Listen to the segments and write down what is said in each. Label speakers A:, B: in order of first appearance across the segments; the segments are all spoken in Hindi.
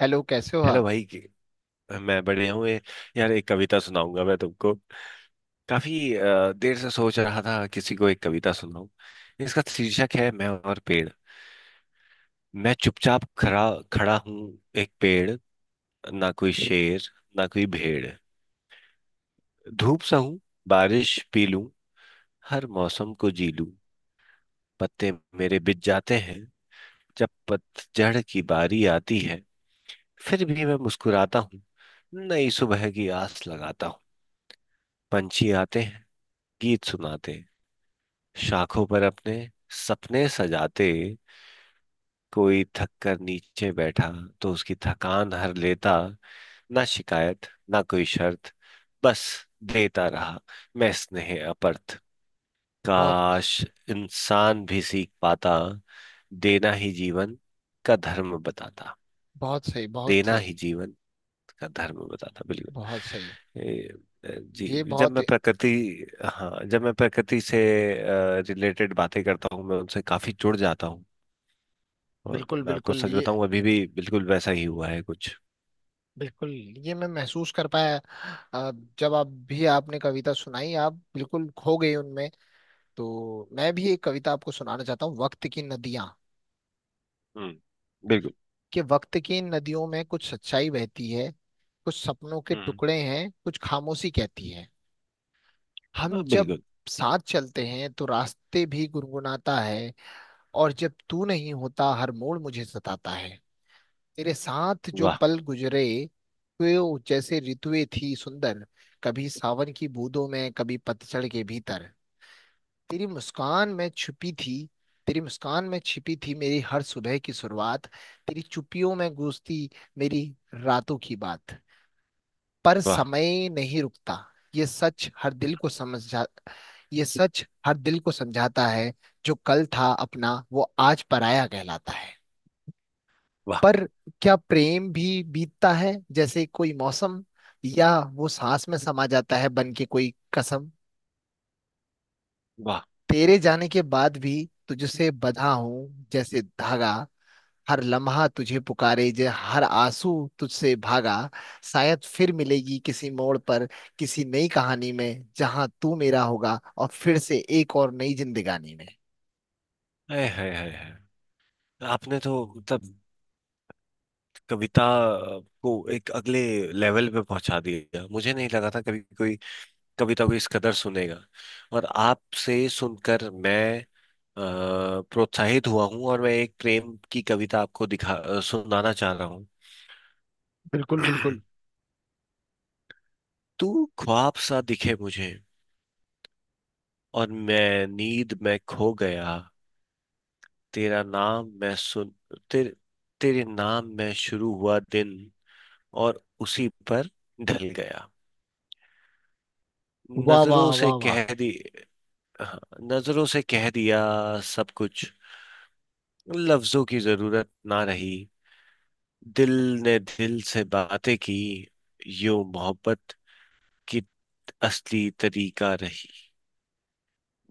A: हेलो, कैसे हो
B: हेलो
A: आप।
B: भाई मैं बढ़िया हूँ। यार, एक कविता सुनाऊंगा मैं तुमको। काफी देर से सोच रहा था किसी को एक कविता सुनाऊं। इसका शीर्षक है मैं और पेड़। मैं चुपचाप खड़ा खड़ा हूँ एक पेड़। ना कोई शेर, ना कोई भेड़। धूप सहूं, बारिश पी लूं, हर मौसम को जी लूं। पत्ते मेरे बिछ जाते हैं जब पतझड़ की बारी आती है। फिर भी मैं मुस्कुराता हूँ, नई सुबह की आस लगाता हूँ। पंछी आते हैं, गीत सुनाते हैं, शाखों पर अपने सपने सजाते। कोई थक कर नीचे बैठा तो उसकी थकान हर लेता। ना शिकायत, ना कोई शर्त, बस देता रहा मैं स्नेह अपर्थ।
A: बहुत।
B: काश इंसान भी सीख पाता, देना ही जीवन का धर्म बताता।
A: बहुत सही, बहुत
B: देना ही
A: सही।
B: जीवन गंधर्व बताना। बिल्कुल।
A: बहुत सही।
B: ए,
A: ये
B: जी, जब
A: बहुत।
B: मैं प्रकृति। हाँ, जब मैं प्रकृति से रिलेटेड बातें करता हूँ मैं उनसे काफी जुड़ जाता हूँ। और
A: बिल्कुल
B: मैं आपको
A: बिल्कुल।
B: सच
A: ये
B: बताऊं, अभी भी बिल्कुल वैसा ही हुआ है कुछ।
A: बिल्कुल। ये मैं महसूस कर पाया। अ, जब आप भी आपने कविता सुनाई आप बिल्कुल खो गए उनमें। तो मैं भी एक कविता आपको सुनाना चाहता हूँ, वक्त की नदियाँ।
B: हम्म। बिल्कुल।
A: कि वक्त की इन नदियों में कुछ सच्चाई बहती है, कुछ सपनों के
B: हम्म।
A: टुकड़े हैं, कुछ खामोशी कहती है। हम
B: हाँ,
A: जब
B: बिल्कुल।
A: साथ चलते हैं तो रास्ते भी गुनगुनाता है, और जब तू नहीं होता हर मोड़ मुझे सताता है। तेरे साथ जो
B: वाह
A: पल गुजरे वो जैसे ऋतुएं थी सुंदर। कभी सावन की बूंदों में, कभी पतझड़ के भीतर। तेरी मुस्कान में छुपी थी, तेरी मुस्कान में छिपी थी मेरी हर सुबह की शुरुआत। तेरी चुपियों में गूंजती मेरी रातों की बात। पर
B: वाह
A: समय नहीं रुकता, ये सच हर दिल को समझा, ये सच हर दिल को समझाता है। जो कल था अपना वो आज पराया कहलाता है।
B: वाह
A: पर क्या प्रेम भी बीतता है जैसे कोई मौसम, या वो सांस में समा जाता है बन के कोई कसम।
B: वाह।
A: तेरे जाने के बाद भी तुझसे बंधा हूं जैसे धागा। हर लम्हा तुझे पुकारे जे, हर आंसू तुझसे भागा। शायद फिर मिलेगी किसी मोड़ पर, किसी नई कहानी में, जहां तू मेरा होगा और फिर से एक और नई जिंदगानी में।
B: है है। आपने तो मतलब कविता को एक अगले लेवल पे पहुंचा दिया। मुझे नहीं लगा था कभी कोई कभी तो कोई इस कदर सुनेगा। और आपसे सुनकर मैं प्रोत्साहित हुआ हूँ। और मैं एक प्रेम की कविता आपको सुनाना चाह रहा हूँ।
A: बिल्कुल बिल्कुल।
B: तू ख्वाब सा दिखे मुझे और मैं नींद में खो गया। तेरा नाम मैं सुन, तेरे तेरे नाम में शुरू हुआ दिन और उसी पर ढल गया।
A: वाह वाह
B: नजरों से
A: वाह वाह
B: कह दी। हाँ, नजरों से कह दिया सब कुछ, लफ्जों की जरूरत ना रही। दिल ने दिल से बातें की, यूं मोहब्बत की असली तरीका रही।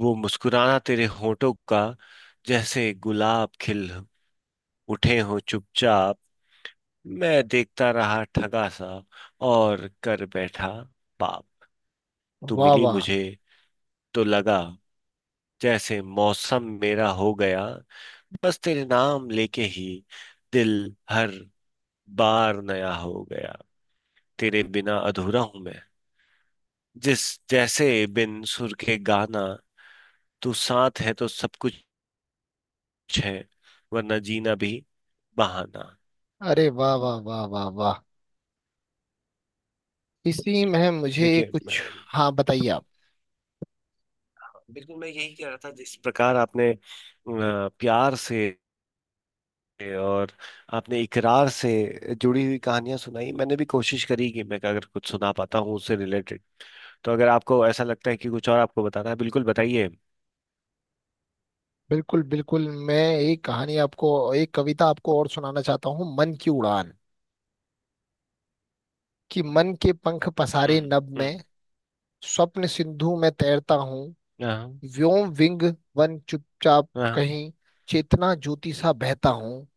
B: वो मुस्कुराना तेरे होठों का, जैसे गुलाब खिल उठे हो चुपचाप। मैं देखता रहा ठगा सा और कर बैठा पाप। तू
A: वाह।
B: मिली
A: वाह।
B: मुझे तो लगा जैसे मौसम मेरा हो गया। बस तेरे नाम लेके ही दिल हर बार नया हो गया। तेरे बिना अधूरा हूं मैं, जिस जैसे बिन सुर के गाना। तू साथ है तो सब कुछ है, वरना जीना भी बहाना।
A: अरे वाह वाह वाह वाह वाह। इसी में मुझे एक
B: देखिए।
A: कुछ। हाँ, बताइए आप।
B: हाँ, बिल्कुल, मैं यही कह रहा था। जिस प्रकार आपने प्यार से और आपने इकरार से जुड़ी हुई कहानियां सुनाई, मैंने भी कोशिश करी कि मैं अगर कुछ सुना पाता हूँ उससे रिलेटेड। तो अगर आपको ऐसा लगता है कि कुछ और आपको बताना है, बिल्कुल बताइए।
A: बिल्कुल बिल्कुल, मैं एक कहानी आपको, एक कविता आपको और सुनाना चाहता हूँ, मन की उड़ान। कि मन के पंख पसारे नभ
B: हम्म।
A: में, स्वप्न सिंधु में तैरता हूँ।
B: हाँ
A: व्योम विंग वन चुपचाप
B: हाँ।
A: कहीं चेतना ज्योति सा बहता हूँ।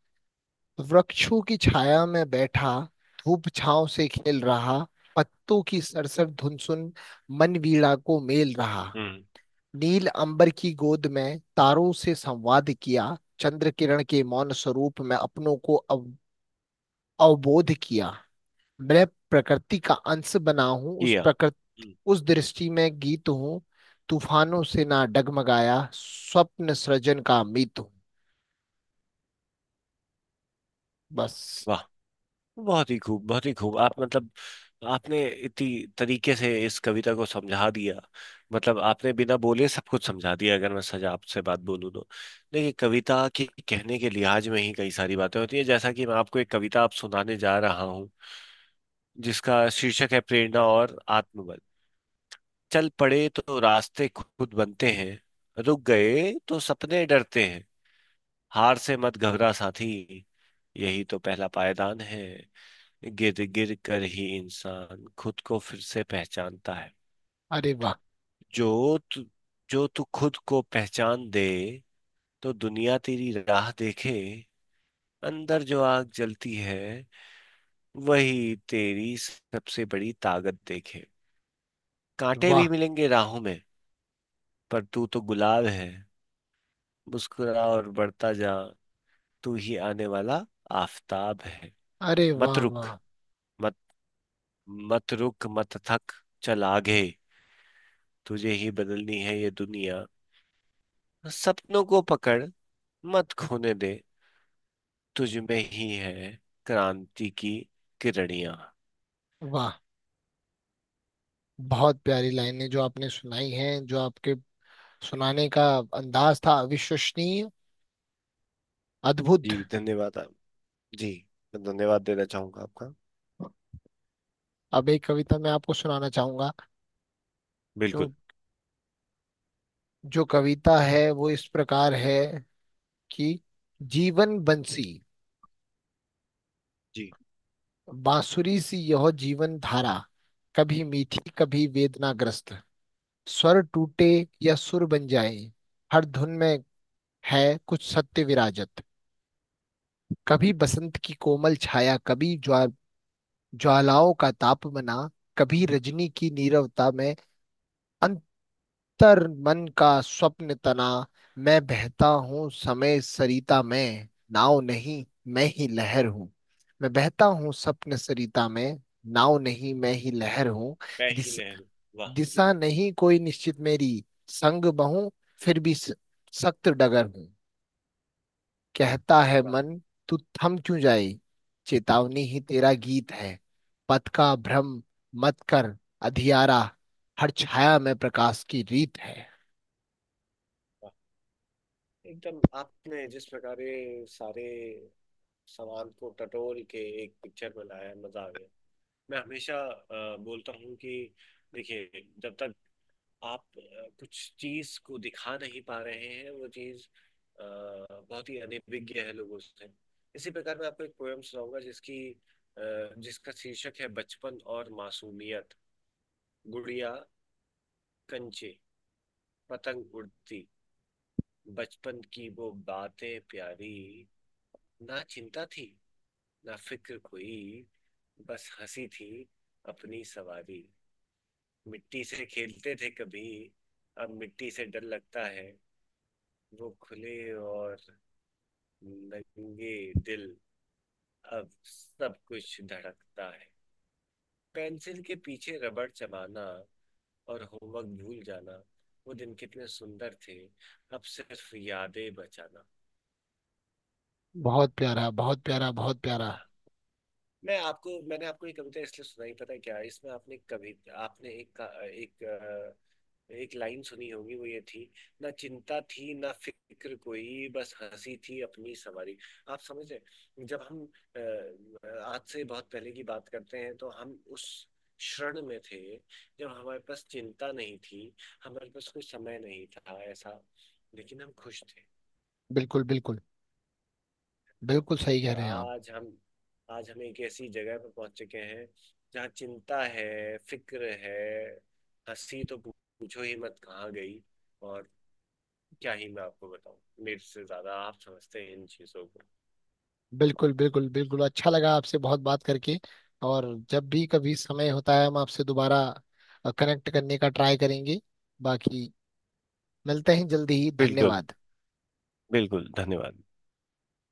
A: वृक्षों की छाया में बैठा, धूप छांव से खेल रहा, पत्तों की सरसर धुन सुन मन वीणा को मेल रहा।
B: हम्म।
A: नील अंबर की गोद में तारों से संवाद किया। चंद्र किरण के मौन स्वरूप में अपनों को अवबोध किया। मैं प्रकृति का अंश बना हूँ, उस
B: किया।
A: प्रकृति,
B: हम्म,
A: उस दृष्टि में गीत हूँ। तूफानों से ना डगमगाया स्वप्न सृजन का मीत हूँ। बस।
B: वाह। बहुत ही खूब, बहुत ही खूब। आप मतलब आपने इतनी तरीके से इस कविता को समझा दिया। मतलब आपने बिना बोले सब कुछ समझा दिया। अगर मैं सजा आपसे बात बोलूँ तो, देखिए, कविता के कहने के लिहाज में ही कई सारी बातें होती है। जैसा कि मैं आपको एक कविता आप सुनाने जा रहा हूँ, जिसका शीर्षक है प्रेरणा और आत्मबल। चल पड़े तो रास्ते खुद बनते हैं, रुक गए तो सपने डरते हैं। हार से मत घबरा साथी, यही तो पहला पायदान है। गिर गिर कर ही इंसान खुद को फिर से पहचानता है।
A: अरे वाह
B: जो तू जो तू खुद को पहचान दे तो दुनिया तेरी राह देखे। अंदर जो आग जलती है वही तेरी सबसे बड़ी ताकत देखे। कांटे भी
A: वाह।
B: मिलेंगे राहों में, पर तू तो गुलाब है। मुस्कुरा और बढ़ता जा, तू ही आने वाला आफताब है।
A: अरे
B: मत
A: वाह
B: रुक,
A: वाह
B: मत मत रुक, मत थक, चल आगे, तुझे ही बदलनी है ये दुनिया। सपनों को पकड़, मत खोने दे, तुझ में ही है क्रांति की किरणियां।
A: वाह। बहुत प्यारी लाइनें जो आपने सुनाई हैं, जो आपके सुनाने का अंदाज था, अविश्वसनीय,
B: जी,
A: अद्भुत।
B: धन्यवाद आप जी, मैं धन्यवाद देना चाहूंगा आपका।
A: अब एक कविता मैं आपको सुनाना चाहूंगा।
B: बिल्कुल।
A: जो जो कविता है वो इस प्रकार है कि जीवन बंसी,
B: जी।
A: बांसुरी सी यह जीवन धारा। कभी मीठी, कभी वेदनाग्रस्त। स्वर टूटे या सुर बन जाए, हर धुन में है कुछ सत्य विराजत। कभी बसंत की कोमल छाया, कभी ज्वालाओं का ताप मना। कभी रजनी की नीरवता में अंत तर मन का स्वप्न तना। मैं बहता हूँ समय सरिता में, नाव नहीं, मैं ही लहर हूँ। मैं बहता हूँ स्वप्न सरिता में, नाव नहीं, मैं ही लहर हूँ।
B: मैं ही
A: दिस,
B: नेहरू। वाह
A: दिशा नहीं कोई निश्चित मेरी, संग बहूं, फिर भी सख्त डगर हूँ। कहता है
B: वाह
A: मन, तू थम क्यों जाए। चेतावनी ही तेरा गीत है। पथ का भ्रम मत कर, अधियारा हर छाया में प्रकाश की रीत है।
B: वाह। एकदम आपने जिस प्रकार ये सारे सवाल को टटोल के एक पिक्चर में लाया, मजा आ गया। मैं हमेशा बोलता हूँ कि देखिए, जब तक आप कुछ चीज को दिखा नहीं पा रहे हैं, वो चीज अ, बहुत ही अनभिज्ञ है लोगों से। इसी प्रकार मैं आपको एक पोयम सुनाऊंगा, जिसका शीर्षक है बचपन और मासूमियत। गुड़िया, कंचे, पतंग उड़ती, बचपन की वो बातें प्यारी। ना चिंता थी, ना फिक्र कोई, बस हंसी थी अपनी सवारी। मिट्टी से खेलते थे कभी, अब मिट्टी से डर लगता है। वो खुले और नंगे दिल, अब सब कुछ धड़कता है। पेंसिल के पीछे रबड़ चबाना और होमवर्क भूल जाना। वो दिन कितने सुंदर थे, अब सिर्फ यादें बचाना
A: बहुत प्यारा, बहुत
B: है।
A: प्यारा, बहुत प्यारा।
B: मैंने आपको ये कविता इसलिए सुनाई, पता है क्या? इसमें आपने कभी आपने एक का- एक अ, एक लाइन सुनी होगी, वो ये थी, ना चिंता थी ना फिक्र कोई बस हंसी थी अपनी सवारी। आप समझ रहे, जब हम अ, आज से बहुत पहले की बात करते हैं तो हम उस क्षण में थे जब हमारे पास चिंता नहीं थी, हमारे पास कोई समय नहीं था ऐसा, लेकिन हम खुश थे।
A: बिल्कुल बिल्कुल। बिल्कुल सही कह
B: और
A: रहे हैं आप।
B: आज हम एक ऐसी जगह पर पहुंच चुके हैं जहाँ चिंता है, फिक्र है। हंसी तो पूछो ही मत, कहाँ गई। और क्या ही मैं आपको बताऊं, मेरे से ज्यादा आप समझते हैं इन चीजों को।
A: बिल्कुल बिल्कुल बिल्कुल, अच्छा लगा आपसे बहुत बात करके। और जब भी कभी समय होता है हम आपसे दोबारा कनेक्ट करने का ट्राई करेंगे। बाकी मिलते हैं जल्दी ही,
B: बिल्कुल।
A: धन्यवाद।
B: बिल्कुल, धन्यवाद।